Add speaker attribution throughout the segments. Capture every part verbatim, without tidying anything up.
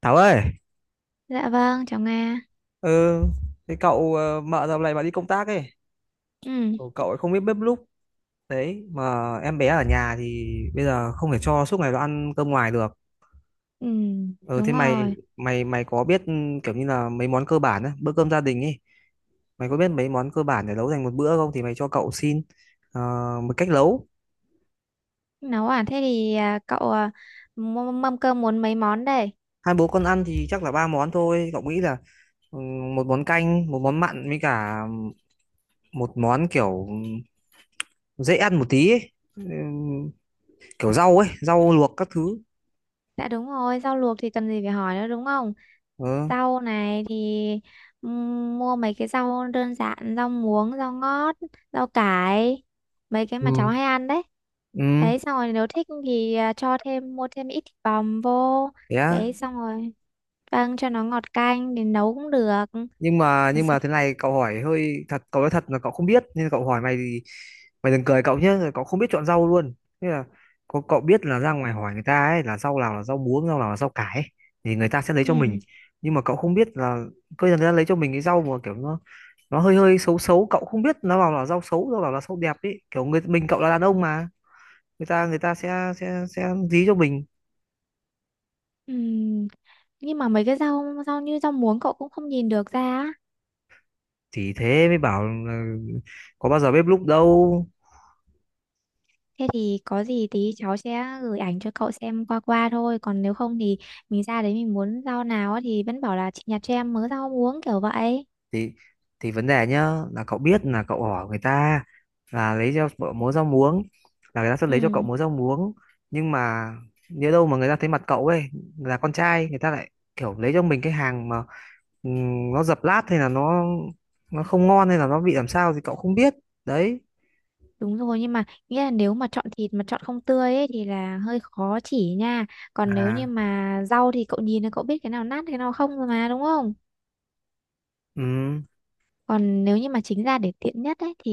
Speaker 1: Thảo ơi,
Speaker 2: Dạ vâng, cháu Nga.
Speaker 1: ừ, thế cậu ờ, mợ dạo này mà đi công tác ấy,
Speaker 2: Ừ,
Speaker 1: cậu cậu ấy không biết bếp núc đấy, mà em bé ở nhà thì bây giờ không thể cho suốt ngày nó ăn cơm ngoài được.
Speaker 2: ừ,
Speaker 1: Ừ, thế
Speaker 2: đúng
Speaker 1: mày
Speaker 2: rồi.
Speaker 1: mày mày có biết ừ, kiểu như là mấy món cơ bản á, bữa cơm gia đình ấy, mày có biết mấy món cơ bản để nấu thành một bữa không? Thì mày cho cậu xin ờ, một cách nấu.
Speaker 2: Nấu à? Thế thì à, cậu à, mâm mâm cơm muốn mấy món đây?
Speaker 1: Hai bố con ăn thì chắc là ba món thôi. Cậu nghĩ là ừ, một món canh, một món mặn với cả một món kiểu ừ, dễ ăn một tí ấy. Ừ, kiểu rau ấy rau luộc các thứ.
Speaker 2: Dạ đúng rồi, rau luộc thì cần gì phải hỏi nữa đúng không?
Speaker 1: Ờ.
Speaker 2: Rau này thì ừm, mua mấy cái rau đơn giản, rau muống, rau ngót, rau cải, mấy cái mà cháu
Speaker 1: Ừ.
Speaker 2: hay ăn đấy.
Speaker 1: Ừ.
Speaker 2: Đấy, xong rồi nếu thích thì à, cho thêm, mua thêm ít thịt bòm vô.
Speaker 1: Thế á.
Speaker 2: Đấy, xong rồi. Vâng, cho nó ngọt canh để nấu cũng được.
Speaker 1: Nhưng mà nhưng mà thế này cậu hỏi hơi thật, cậu nói thật là cậu không biết nên cậu hỏi mày thì mày đừng cười cậu nhé, cậu không biết chọn rau luôn. Thế là cậu, cậu biết là ra ngoài hỏi người ta ấy, là rau nào là rau muống, rau nào là rau cải ấy, thì người ta sẽ lấy cho mình,
Speaker 2: Ừ.
Speaker 1: nhưng mà cậu không biết là cơ người ta lấy cho mình cái rau mà kiểu nó nó hơi hơi xấu xấu, cậu không biết nó bảo là rau xấu rau bảo là rau đẹp ấy, kiểu người mình cậu là đàn ông mà, người ta người ta sẽ sẽ sẽ dí cho mình.
Speaker 2: Ừ. Nhưng mà mấy cái rau rau như rau muống cậu cũng không nhìn được ra á.
Speaker 1: Thì thế mới bảo là có bao giờ bếp núc đâu.
Speaker 2: Thế thì có gì tí cháu sẽ gửi ảnh cho cậu xem qua qua thôi, còn nếu không thì mình ra đấy mình muốn rau nào á thì vẫn bảo là chị nhặt cho em mớ rau muống kiểu vậy.
Speaker 1: Thì thì vấn đề nhá là cậu biết là cậu hỏi người ta là lấy cho cậu múa rau muống là người ta sẽ lấy cho cậu
Speaker 2: Ừ
Speaker 1: múa rau muống, nhưng mà nếu đâu mà người ta thấy mặt cậu ấy là con trai, người ta lại kiểu lấy cho mình cái hàng mà ừm, nó dập lát hay là nó nó không ngon hay là nó bị làm sao thì cậu không biết đấy.
Speaker 2: đúng rồi, nhưng mà nghĩa là nếu mà chọn thịt mà chọn không tươi ấy thì là hơi khó chỉ nha. Còn nếu như
Speaker 1: À.
Speaker 2: mà rau thì cậu nhìn là cậu biết cái nào nát cái nào không rồi mà đúng không.
Speaker 1: Ừ.
Speaker 2: Còn nếu như mà chính ra để tiện nhất ấy thì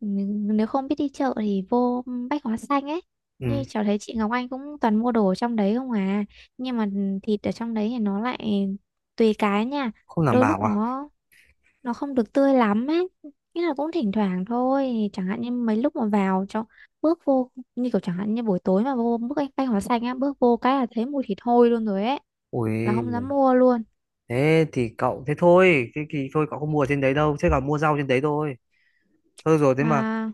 Speaker 2: n- nếu không biết đi chợ thì vô Bách Hóa Xanh ấy,
Speaker 1: Ừ,
Speaker 2: như cháu thấy chị Ngọc Anh cũng toàn mua đồ ở trong đấy không à. Nhưng mà thịt ở trong đấy thì nó lại tùy cái nha,
Speaker 1: không đảm
Speaker 2: đôi lúc
Speaker 1: bảo à.
Speaker 2: nó nó không được tươi lắm ấy, nghĩa là cũng thỉnh thoảng thôi. Chẳng hạn như mấy lúc mà vào cho bước vô như kiểu chẳng hạn như buổi tối mà vô bước Bách Hóa Xanh á, bước vô cái là thấy mùi thịt hôi luôn rồi ấy, là không dám
Speaker 1: Ui,
Speaker 2: mua luôn.
Speaker 1: thế thì cậu, thế thôi, thế thì thôi cậu không mua ở trên đấy đâu, thế còn mua rau trên đấy thôi. Thôi rồi. Thế mà
Speaker 2: mà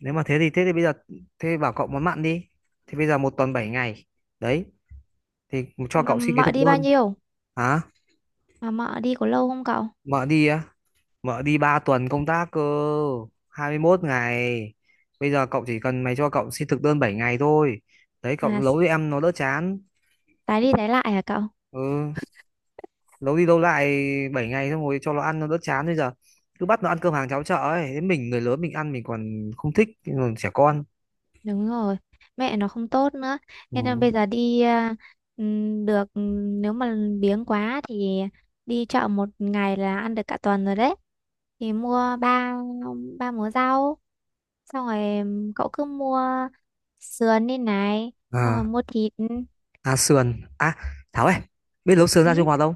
Speaker 1: nếu mà thế thì, thế thì bây giờ thế bảo cậu món mặn đi. Thì bây giờ một tuần bảy ngày đấy, thì cho
Speaker 2: mà
Speaker 1: cậu xin cái
Speaker 2: mợ
Speaker 1: thực
Speaker 2: đi bao
Speaker 1: đơn.
Speaker 2: nhiêu?
Speaker 1: Hả?
Speaker 2: Mà mợ đi có lâu không cậu?
Speaker 1: Mợ đi á? Mợ đi ba tuần công tác cơ, hai mươi mốt ngày. Bây giờ cậu chỉ cần mày cho cậu xin thực đơn bảy ngày thôi đấy, cậu
Speaker 2: À,
Speaker 1: nấu
Speaker 2: s-
Speaker 1: cho
Speaker 2: s-
Speaker 1: em nó đỡ chán.
Speaker 2: tái đi tái lại hả cậu?
Speaker 1: Ừ, lâu đi lâu lại, bảy ngày xong rồi cho nó ăn nó đỡ chán. Bây giờ cứ bắt nó ăn cơm hàng cháo chợ ấy, thế mình người lớn mình ăn mình còn không thích, còn trẻ con.
Speaker 2: Đúng rồi, mẹ nó không tốt nữa. Thế nên bây
Speaker 1: Ừ.
Speaker 2: giờ đi à, ừm, được, ừm, nếu mà biếng quá thì đi chợ một ngày là ăn được cả tuần rồi đấy. Thì mua ba ba múa rau, xong rồi cậu cứ mua sườn đi này, xong rồi
Speaker 1: À,
Speaker 2: mua thịt.
Speaker 1: à sườn à. Thảo ơi, biết nấu sườn ra Trung
Speaker 2: Ừ,
Speaker 1: Hoa không?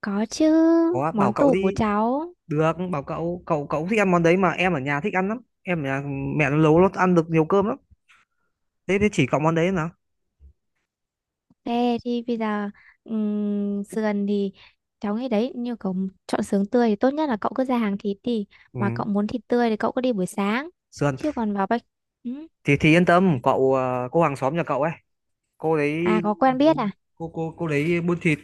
Speaker 2: có chứ,
Speaker 1: Có bảo
Speaker 2: món
Speaker 1: cậu
Speaker 2: tủ của
Speaker 1: đi,
Speaker 2: cháu.
Speaker 1: được bảo cậu, cậu cậu thích ăn món đấy mà, em ở nhà thích ăn lắm, em ở nhà mẹ nó nấu nó ăn được nhiều cơm lắm. Thế thế chỉ cậu món đấy nào.
Speaker 2: Thế thì bây giờ ừm, sườn thì cháu nghĩ đấy như cậu chọn sườn tươi thì tốt nhất là cậu cứ ra hàng thịt đi,
Speaker 1: Ừ.
Speaker 2: mà cậu muốn thịt tươi thì cậu cứ đi buổi sáng,
Speaker 1: Sườn
Speaker 2: chứ còn vào bách. Ừ.
Speaker 1: thì thì yên tâm cậu, ờ, cô hàng xóm nhà cậu ấy, cô
Speaker 2: À
Speaker 1: đấy,
Speaker 2: có quen biết à?
Speaker 1: cô cô cô đấy buôn thịt,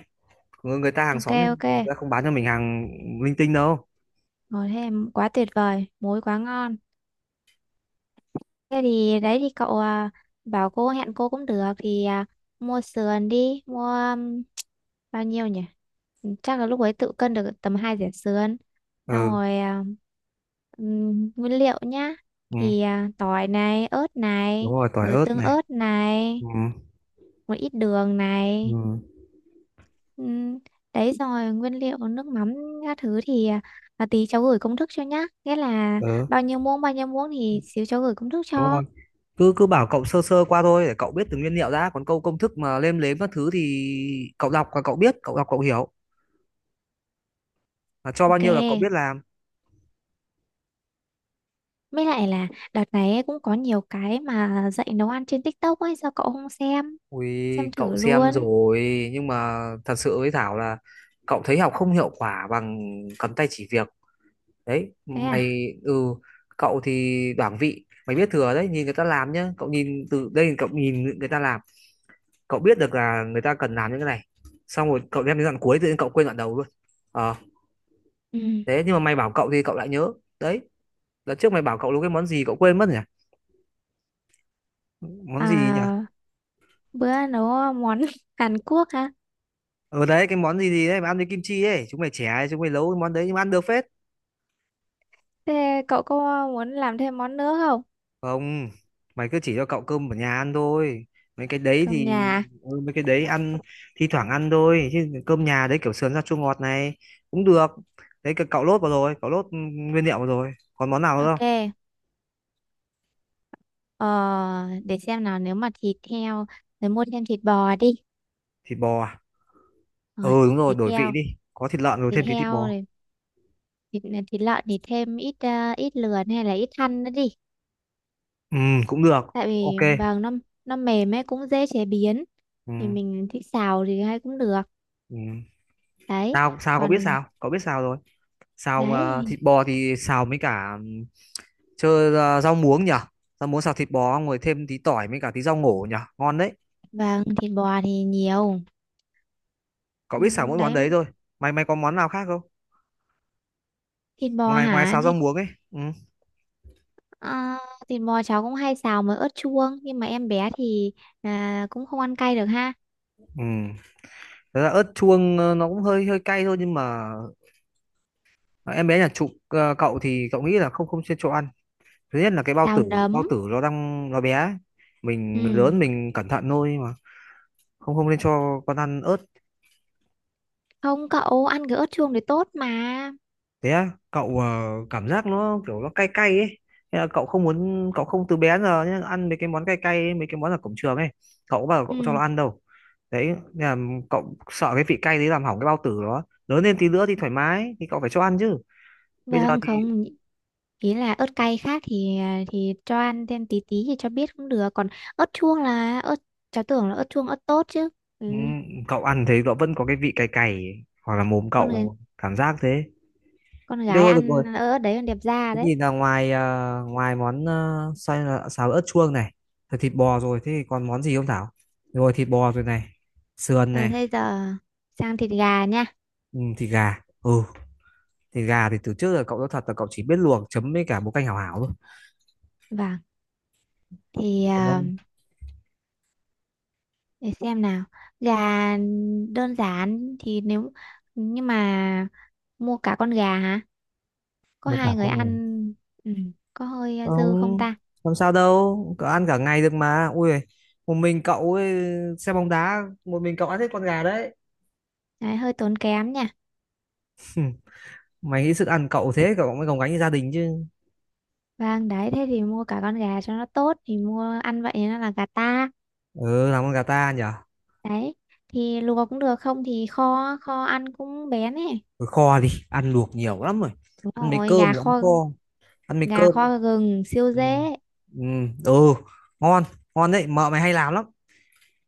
Speaker 1: người người ta hàng
Speaker 2: Ok,
Speaker 1: xóm nhưng
Speaker 2: ok
Speaker 1: mình đã không bán cho mình hàng linh tinh đâu.
Speaker 2: rồi. Thế em- quá tuyệt vời, muối quá ngon. Thế thì đấy thì cậu à, bảo cô hẹn cô cũng được thì à, mua sườn đi, mua um, bao nhiêu nhỉ? Ừ, chắc là lúc ấy tự cân được tầm hai dẻ sườn, xong
Speaker 1: Ừ,
Speaker 2: rồi à, ừm, nguyên liệu nhá,
Speaker 1: ừ
Speaker 2: thì à, tỏi này ớt
Speaker 1: đúng
Speaker 2: này,
Speaker 1: rồi, tỏi
Speaker 2: rồi
Speaker 1: ớt
Speaker 2: tương
Speaker 1: này.
Speaker 2: ớt này,
Speaker 1: Ừ.
Speaker 2: một ít đường
Speaker 1: Ừ.
Speaker 2: này. ừm, Đấy, xong rồi nguyên liệu nước mắm các thứ thì à, à, tí cháu gửi công thức cho nhá, nghĩa là
Speaker 1: Ừ
Speaker 2: bao nhiêu muỗng bao nhiêu muỗng thì xíu cháu gửi công thức
Speaker 1: đúng
Speaker 2: cho.
Speaker 1: rồi, cứ cứ bảo cậu sơ sơ qua thôi để cậu biết từng nguyên liệu đã, còn câu công thức mà lêm lếm các thứ thì cậu đọc và cậu biết, cậu đọc cậu hiểu là cho bao nhiêu là cậu
Speaker 2: Ok.
Speaker 1: biết làm.
Speaker 2: Mới lại là đợt này ấy cũng có nhiều cái mà dạy nấu ăn trên TikTok ấy, sao cậu không xem?
Speaker 1: Ui
Speaker 2: Xem thử
Speaker 1: cậu xem
Speaker 2: luôn.
Speaker 1: rồi, nhưng mà thật sự với Thảo là cậu thấy học không hiệu quả bằng cầm tay chỉ việc đấy
Speaker 2: Thế à?
Speaker 1: mày. Ừ, cậu thì đoảng vị mày biết thừa đấy, nhìn người ta làm nhá, cậu nhìn từ đây cậu nhìn người ta làm, cậu biết được là người ta cần làm những cái này, xong rồi cậu đem đến đoạn cuối tự nhiên cậu quên đoạn đầu luôn. Ờ.
Speaker 2: Ừ.
Speaker 1: Thế nhưng mà mày bảo cậu thì cậu lại nhớ đấy. Lần trước mày bảo cậu nấu cái món gì cậu quên mất nhỉ? Món
Speaker 2: À,
Speaker 1: gì nhỉ?
Speaker 2: bữa nấu món Hàn Quốc hả?
Speaker 1: Ờ đấy, cái món gì gì đấy mà ăn với kim chi ấy, chúng mày trẻ chúng mày nấu cái món đấy nhưng mà ăn được phết.
Speaker 2: Thế cậu có muốn làm thêm món nữa không?
Speaker 1: Không, mày cứ chỉ cho cậu cơm ở nhà ăn thôi, mấy cái đấy
Speaker 2: Cơm
Speaker 1: thì
Speaker 2: nhà.
Speaker 1: ừ, mấy cái đấy ăn thi thoảng ăn thôi, chứ cơm nhà đấy kiểu sườn rau chua ngọt này cũng được. Đấy cái cậu lốt vào rồi, cậu lốt ừ, nguyên liệu vào rồi, còn món nào nữa không?
Speaker 2: Ok. Ờ, để xem nào, nếu mà thịt heo, rồi mua thêm thịt bò đi.
Speaker 1: Thịt bò à?
Speaker 2: Rồi,
Speaker 1: Ừ đúng rồi,
Speaker 2: thịt
Speaker 1: đổi vị
Speaker 2: heo,
Speaker 1: đi, có thịt lợn rồi
Speaker 2: thịt
Speaker 1: thêm tí thịt
Speaker 2: heo
Speaker 1: bò.
Speaker 2: rồi thịt, thịt lợn thì thêm ít ờ, ít lườn hay là ít thăn nữa đi.
Speaker 1: Ừ, cũng được.
Speaker 2: Tại vì
Speaker 1: OK.
Speaker 2: vàng nó nó mềm ấy cũng dễ chế biến,
Speaker 1: Ừ.
Speaker 2: thì mình thích xào thì hay cũng được.
Speaker 1: Ừ.
Speaker 2: Đấy,
Speaker 1: sao sao cậu biết,
Speaker 2: còn
Speaker 1: sao cậu biết, sao rồi. Xào mà
Speaker 2: đấy
Speaker 1: thịt bò thì xào mấy cả ừ, chơi ờ, rau muống nhỉ, rau muống xào thịt bò xong rồi thêm tí tỏi với cả tí rau ngổ nhỉ, ngon đấy.
Speaker 2: vàng thịt bò thì nhiều.
Speaker 1: Cậu
Speaker 2: Ừ,
Speaker 1: biết xả mỗi món
Speaker 2: đấy
Speaker 1: đấy thôi. Mày mày có món nào khác không,
Speaker 2: thịt bò
Speaker 1: ngoài ngoài
Speaker 2: hả
Speaker 1: xào rau
Speaker 2: thịt
Speaker 1: muống ấy. Ừ.
Speaker 2: ờ, thịt bò cháu cũng hay xào với ớt chuông, nhưng mà em bé thì à, cũng không ăn cay được ha.
Speaker 1: Ừ. Thật ra ớt chuông ờ, nó cũng hơi hơi cay thôi, nhưng mà em bé nhà trụ, ờ, cậu thì cậu nghĩ là không, không chuyên cho ăn. Thứ nhất là cái bao
Speaker 2: Xào
Speaker 1: tử, bao
Speaker 2: nấm.
Speaker 1: tử nó đang nó bé ấy. Mình người
Speaker 2: Ừ
Speaker 1: lớn mình cẩn thận thôi mà, không không nên cho con ăn ớt.
Speaker 2: không cậu ăn cái ớt chuông thì tốt mà.
Speaker 1: Thế á cậu? ờ, cảm giác nó kiểu nó cay cay ấy. Thế là cậu không muốn, cậu không từ bé đến giờ nhá, ăn mấy cái món cay cay ấy, mấy cái món ở cổng trường ấy, cậu có bao giờ cậu cho nó
Speaker 2: Ừ
Speaker 1: ăn đâu đấy. Nên là cậu sợ cái vị cay đấy làm hỏng cái bao tử, đó lớn lên tí nữa thì thoải mái thì cậu phải cho ăn chứ, bây giờ
Speaker 2: vâng
Speaker 1: thì
Speaker 2: không, ý là ớt cay khác thì à, thì cho ăn thêm tí tí thì cho biết cũng được, còn ớt chuông là ớt, cháu tưởng là ớt chuông ớt tốt chứ. Ừ.
Speaker 1: ừ, cậu ăn thấy cậu vẫn có cái vị cay cay ấy, hoặc là mồm
Speaker 2: con người-
Speaker 1: cậu cảm giác thế.
Speaker 2: con
Speaker 1: Được
Speaker 2: gái
Speaker 1: rồi, được
Speaker 2: ăn
Speaker 1: rồi,
Speaker 2: ớt đấy còn đẹp da
Speaker 1: thế
Speaker 2: đấy.
Speaker 1: thì là ngoài ờ, ngoài món ờ, xoay là xào ớt chuông này, rồi thịt bò rồi, thế thì còn món gì không Thảo? Rồi thịt bò rồi này, sườn
Speaker 2: Ờ,
Speaker 1: này.
Speaker 2: thế giờ sang thịt gà nha.
Speaker 1: Ừ, thịt gà. Ừ, thịt gà thì từ trước giờ cậu nói thật là cậu chỉ biết luộc chấm với cả một canh hảo hảo thôi.
Speaker 2: Vâng, thì
Speaker 1: Có
Speaker 2: à,
Speaker 1: món
Speaker 2: để xem nào, gà đơn giản thì nếu nhưng mà mua cả con gà hả? Có
Speaker 1: một cả
Speaker 2: hai người
Speaker 1: con người,
Speaker 2: ăn. Ừ. Có hơi dư không
Speaker 1: không
Speaker 2: ta?
Speaker 1: làm sao đâu, cậu ăn cả ngày được mà, ui giời, một mình cậu ấy, xem bóng đá một mình cậu ăn hết con gà đấy.
Speaker 2: Đấy, hơi tốn kém nha.
Speaker 1: Mày nghĩ sức ăn cậu thế cậu mới gồng gánh gia đình chứ.
Speaker 2: Vâng, đấy, thế thì mua cả con gà cho nó tốt thì mua ăn vậy, nó là gà ta.
Speaker 1: Ừ, làm con gà ta nhỉ.
Speaker 2: Đấy, thì luộc cũng được không thì kho, kho ăn cũng bén ấy.
Speaker 1: Thôi kho đi, ăn luộc nhiều lắm rồi.
Speaker 2: Đúng
Speaker 1: Ăn mấy
Speaker 2: rồi,
Speaker 1: cơm
Speaker 2: gà
Speaker 1: thì ăn
Speaker 2: kho,
Speaker 1: kho, ăn mấy
Speaker 2: gà
Speaker 1: cơm.
Speaker 2: kho gừng siêu
Speaker 1: Ừ.
Speaker 2: dễ.
Speaker 1: Ừ, ừ, ngon, ngon đấy, mợ mày hay làm lắm.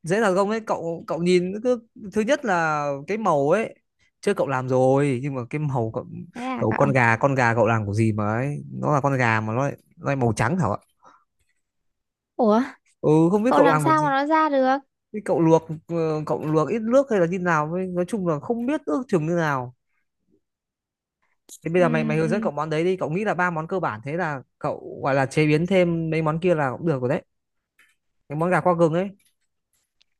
Speaker 1: Dễ là công đấy, cậu cậu nhìn cứ, thứ nhất là cái màu ấy. Chưa cậu làm rồi, nhưng mà cái màu cậu,
Speaker 2: Thế à
Speaker 1: cậu
Speaker 2: cậu?
Speaker 1: con gà, con gà cậu làm của gì mà ấy, nó là con gà mà nó lại, nó lại màu trắng hả ạ?
Speaker 2: Ủa,
Speaker 1: Ừ, không biết
Speaker 2: cậu
Speaker 1: cậu
Speaker 2: làm
Speaker 1: làm của
Speaker 2: sao
Speaker 1: gì.
Speaker 2: mà nó ra được?
Speaker 1: Thế cậu luộc ờ, cậu luộc ít nước hay là như nào, với, nói chung là không biết ước chừng như nào. Thế bây giờ mày mày hướng dẫn
Speaker 2: Ừm,
Speaker 1: cậu món đấy đi, cậu nghĩ là ba món cơ bản thế là cậu gọi là chế biến thêm mấy món kia là cũng được rồi đấy. Cái món gà qua gừng ấy, hướng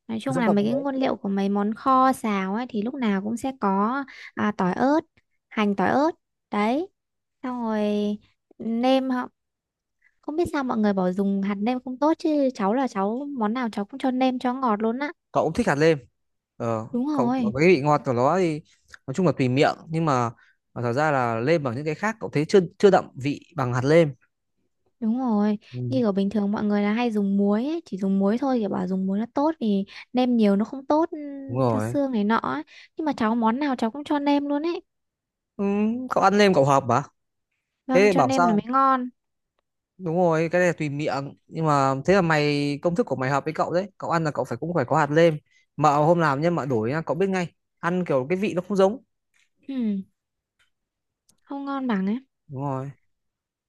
Speaker 2: nói chung
Speaker 1: dẫn
Speaker 2: là
Speaker 1: cậu
Speaker 2: mấy
Speaker 1: món
Speaker 2: cái
Speaker 1: đấy.
Speaker 2: nguyên liệu của mấy món kho xào ấy thì lúc nào cũng sẽ có à, tỏi ớt, hành tỏi ớt. Đấy, xong rồi nêm. Không biết sao mọi người bảo dùng hạt nêm không tốt, chứ cháu là cháu món nào cháu cũng cho nêm cho ngọt luôn á.
Speaker 1: Cậu cũng thích hạt lêm. Ờ,
Speaker 2: Đúng
Speaker 1: cậu cậu
Speaker 2: rồi,
Speaker 1: cái vị ngọt của nó thì nói chung là tùy miệng, nhưng mà, mà thật ra là lêm ở những cái khác cậu thấy chưa chưa đậm vị bằng hạt lêm.
Speaker 2: đúng rồi.
Speaker 1: Ừ,
Speaker 2: Như ở bình thường mọi người là hay dùng muối ấy, chỉ dùng muối thôi, kiểu bảo dùng muối nó tốt vì nêm nhiều nó không tốt,
Speaker 1: đúng
Speaker 2: ừm, cho
Speaker 1: rồi.
Speaker 2: xương này nọ ấy. Nhưng mà cháu món nào cháu cũng cho nêm luôn ấy.
Speaker 1: Ừ, cậu ăn lêm cậu hợp mà.
Speaker 2: Vâng,
Speaker 1: Thế
Speaker 2: cho
Speaker 1: bảo
Speaker 2: nêm là
Speaker 1: sao?
Speaker 2: mới ngon.
Speaker 1: Đúng rồi, cái này là tùy miệng nhưng mà thế là mày công thức của mày hợp với cậu đấy. Cậu ăn là cậu phải, cũng phải có hạt lêm. Mà hôm làm nhá, mà đổi nhá, cậu biết ngay. Ăn kiểu cái vị nó không giống,
Speaker 2: Ừ, không ngon bằng ấy.
Speaker 1: đúng rồi.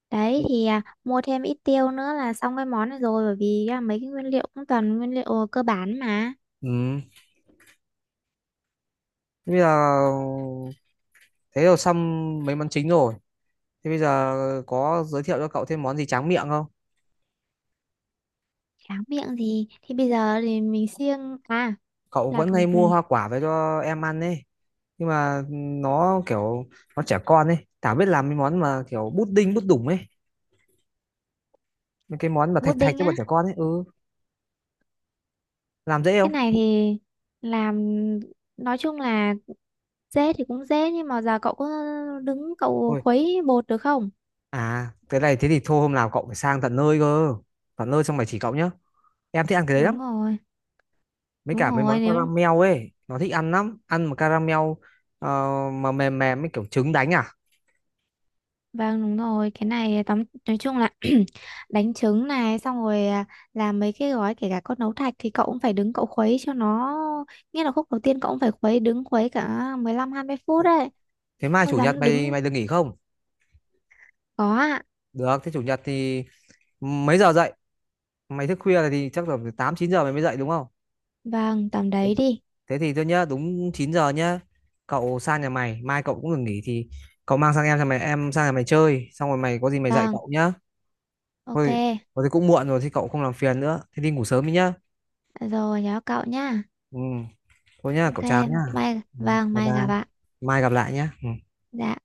Speaker 2: Đấy thì à, mua thêm ít tiêu nữa là xong cái món này rồi, bởi vì à, mấy cái nguyên liệu cũng toàn nguyên liệu cơ bản mà.
Speaker 1: Ừ. Thế bây giờ thế rồi xong mấy món chính rồi, thế bây giờ có giới thiệu cho cậu thêm món gì tráng miệng không?
Speaker 2: Tráng miệng thì thì bây giờ thì mình siêng à
Speaker 1: Cậu
Speaker 2: là
Speaker 1: vẫn hay mua
Speaker 2: c-
Speaker 1: hoa quả về cho em ăn ấy, nhưng mà ừ, nó kiểu nó trẻ con ấy, Thảo biết làm mấy món mà kiểu bút đinh bút đủng ấy, mấy cái món mà thạch thạch
Speaker 2: pudding
Speaker 1: cho
Speaker 2: á?
Speaker 1: bọn trẻ con ấy, ừ làm dễ
Speaker 2: Cái
Speaker 1: không?
Speaker 2: này thì làm nói chung là dễ thì cũng dễ, nhưng mà giờ cậu có đứng cậu
Speaker 1: Ôi,
Speaker 2: khuấy bột được không?
Speaker 1: à cái này thế thì thôi hôm nào cậu phải sang tận nơi cơ, tận nơi xong mày chỉ cậu nhá, em thích ăn cái đấy lắm,
Speaker 2: Đúng rồi,
Speaker 1: mấy
Speaker 2: đúng
Speaker 1: cả mấy món
Speaker 2: rồi, nếu
Speaker 1: caramel ấy, nó thích ăn lắm ăn mà caramel. ờ, mà mềm mềm mấy kiểu trứng đánh à.
Speaker 2: vâng đúng rồi cái này tóm nói chung là đánh trứng này, xong rồi à, làm mấy cái gói kể cả con nấu thạch thì cậu cũng phải đứng cậu khuấy cho nó, nghĩa là khúc đầu tiên cậu cũng phải khuấy đứng khuấy cả mười lăm hai mươi phút đấy
Speaker 1: Thế mai
Speaker 2: mới
Speaker 1: chủ nhật
Speaker 2: dám
Speaker 1: mày
Speaker 2: đứng.
Speaker 1: mày được nghỉ không?
Speaker 2: Có ạ.
Speaker 1: Được, thế chủ nhật thì mấy giờ dậy? Mày thức khuya thì chắc là tám chín giờ mày mới dậy đúng không?
Speaker 2: Vâng tầm đấy đi.
Speaker 1: Thế thì tôi nhớ đúng chín giờ nhá, cậu sang nhà mày, mai cậu cũng được nghỉ thì cậu mang sang em, sang mày, em sang nhà mày chơi xong rồi mày có gì mày dạy
Speaker 2: Vâng,
Speaker 1: cậu nhá.
Speaker 2: ok
Speaker 1: Thôi, thôi thì cũng muộn rồi thì cậu không làm phiền nữa, thế đi ngủ sớm đi nhá.
Speaker 2: rồi nhớ cậu nhá.
Speaker 1: Ừ, thôi nhá, cậu
Speaker 2: Ok,
Speaker 1: chào nhá.
Speaker 2: mai
Speaker 1: Ừ,
Speaker 2: vâng,
Speaker 1: bye
Speaker 2: mai gặp
Speaker 1: bye.
Speaker 2: bạn.
Speaker 1: Mai gặp lại nhá. Ừ.
Speaker 2: Dạ.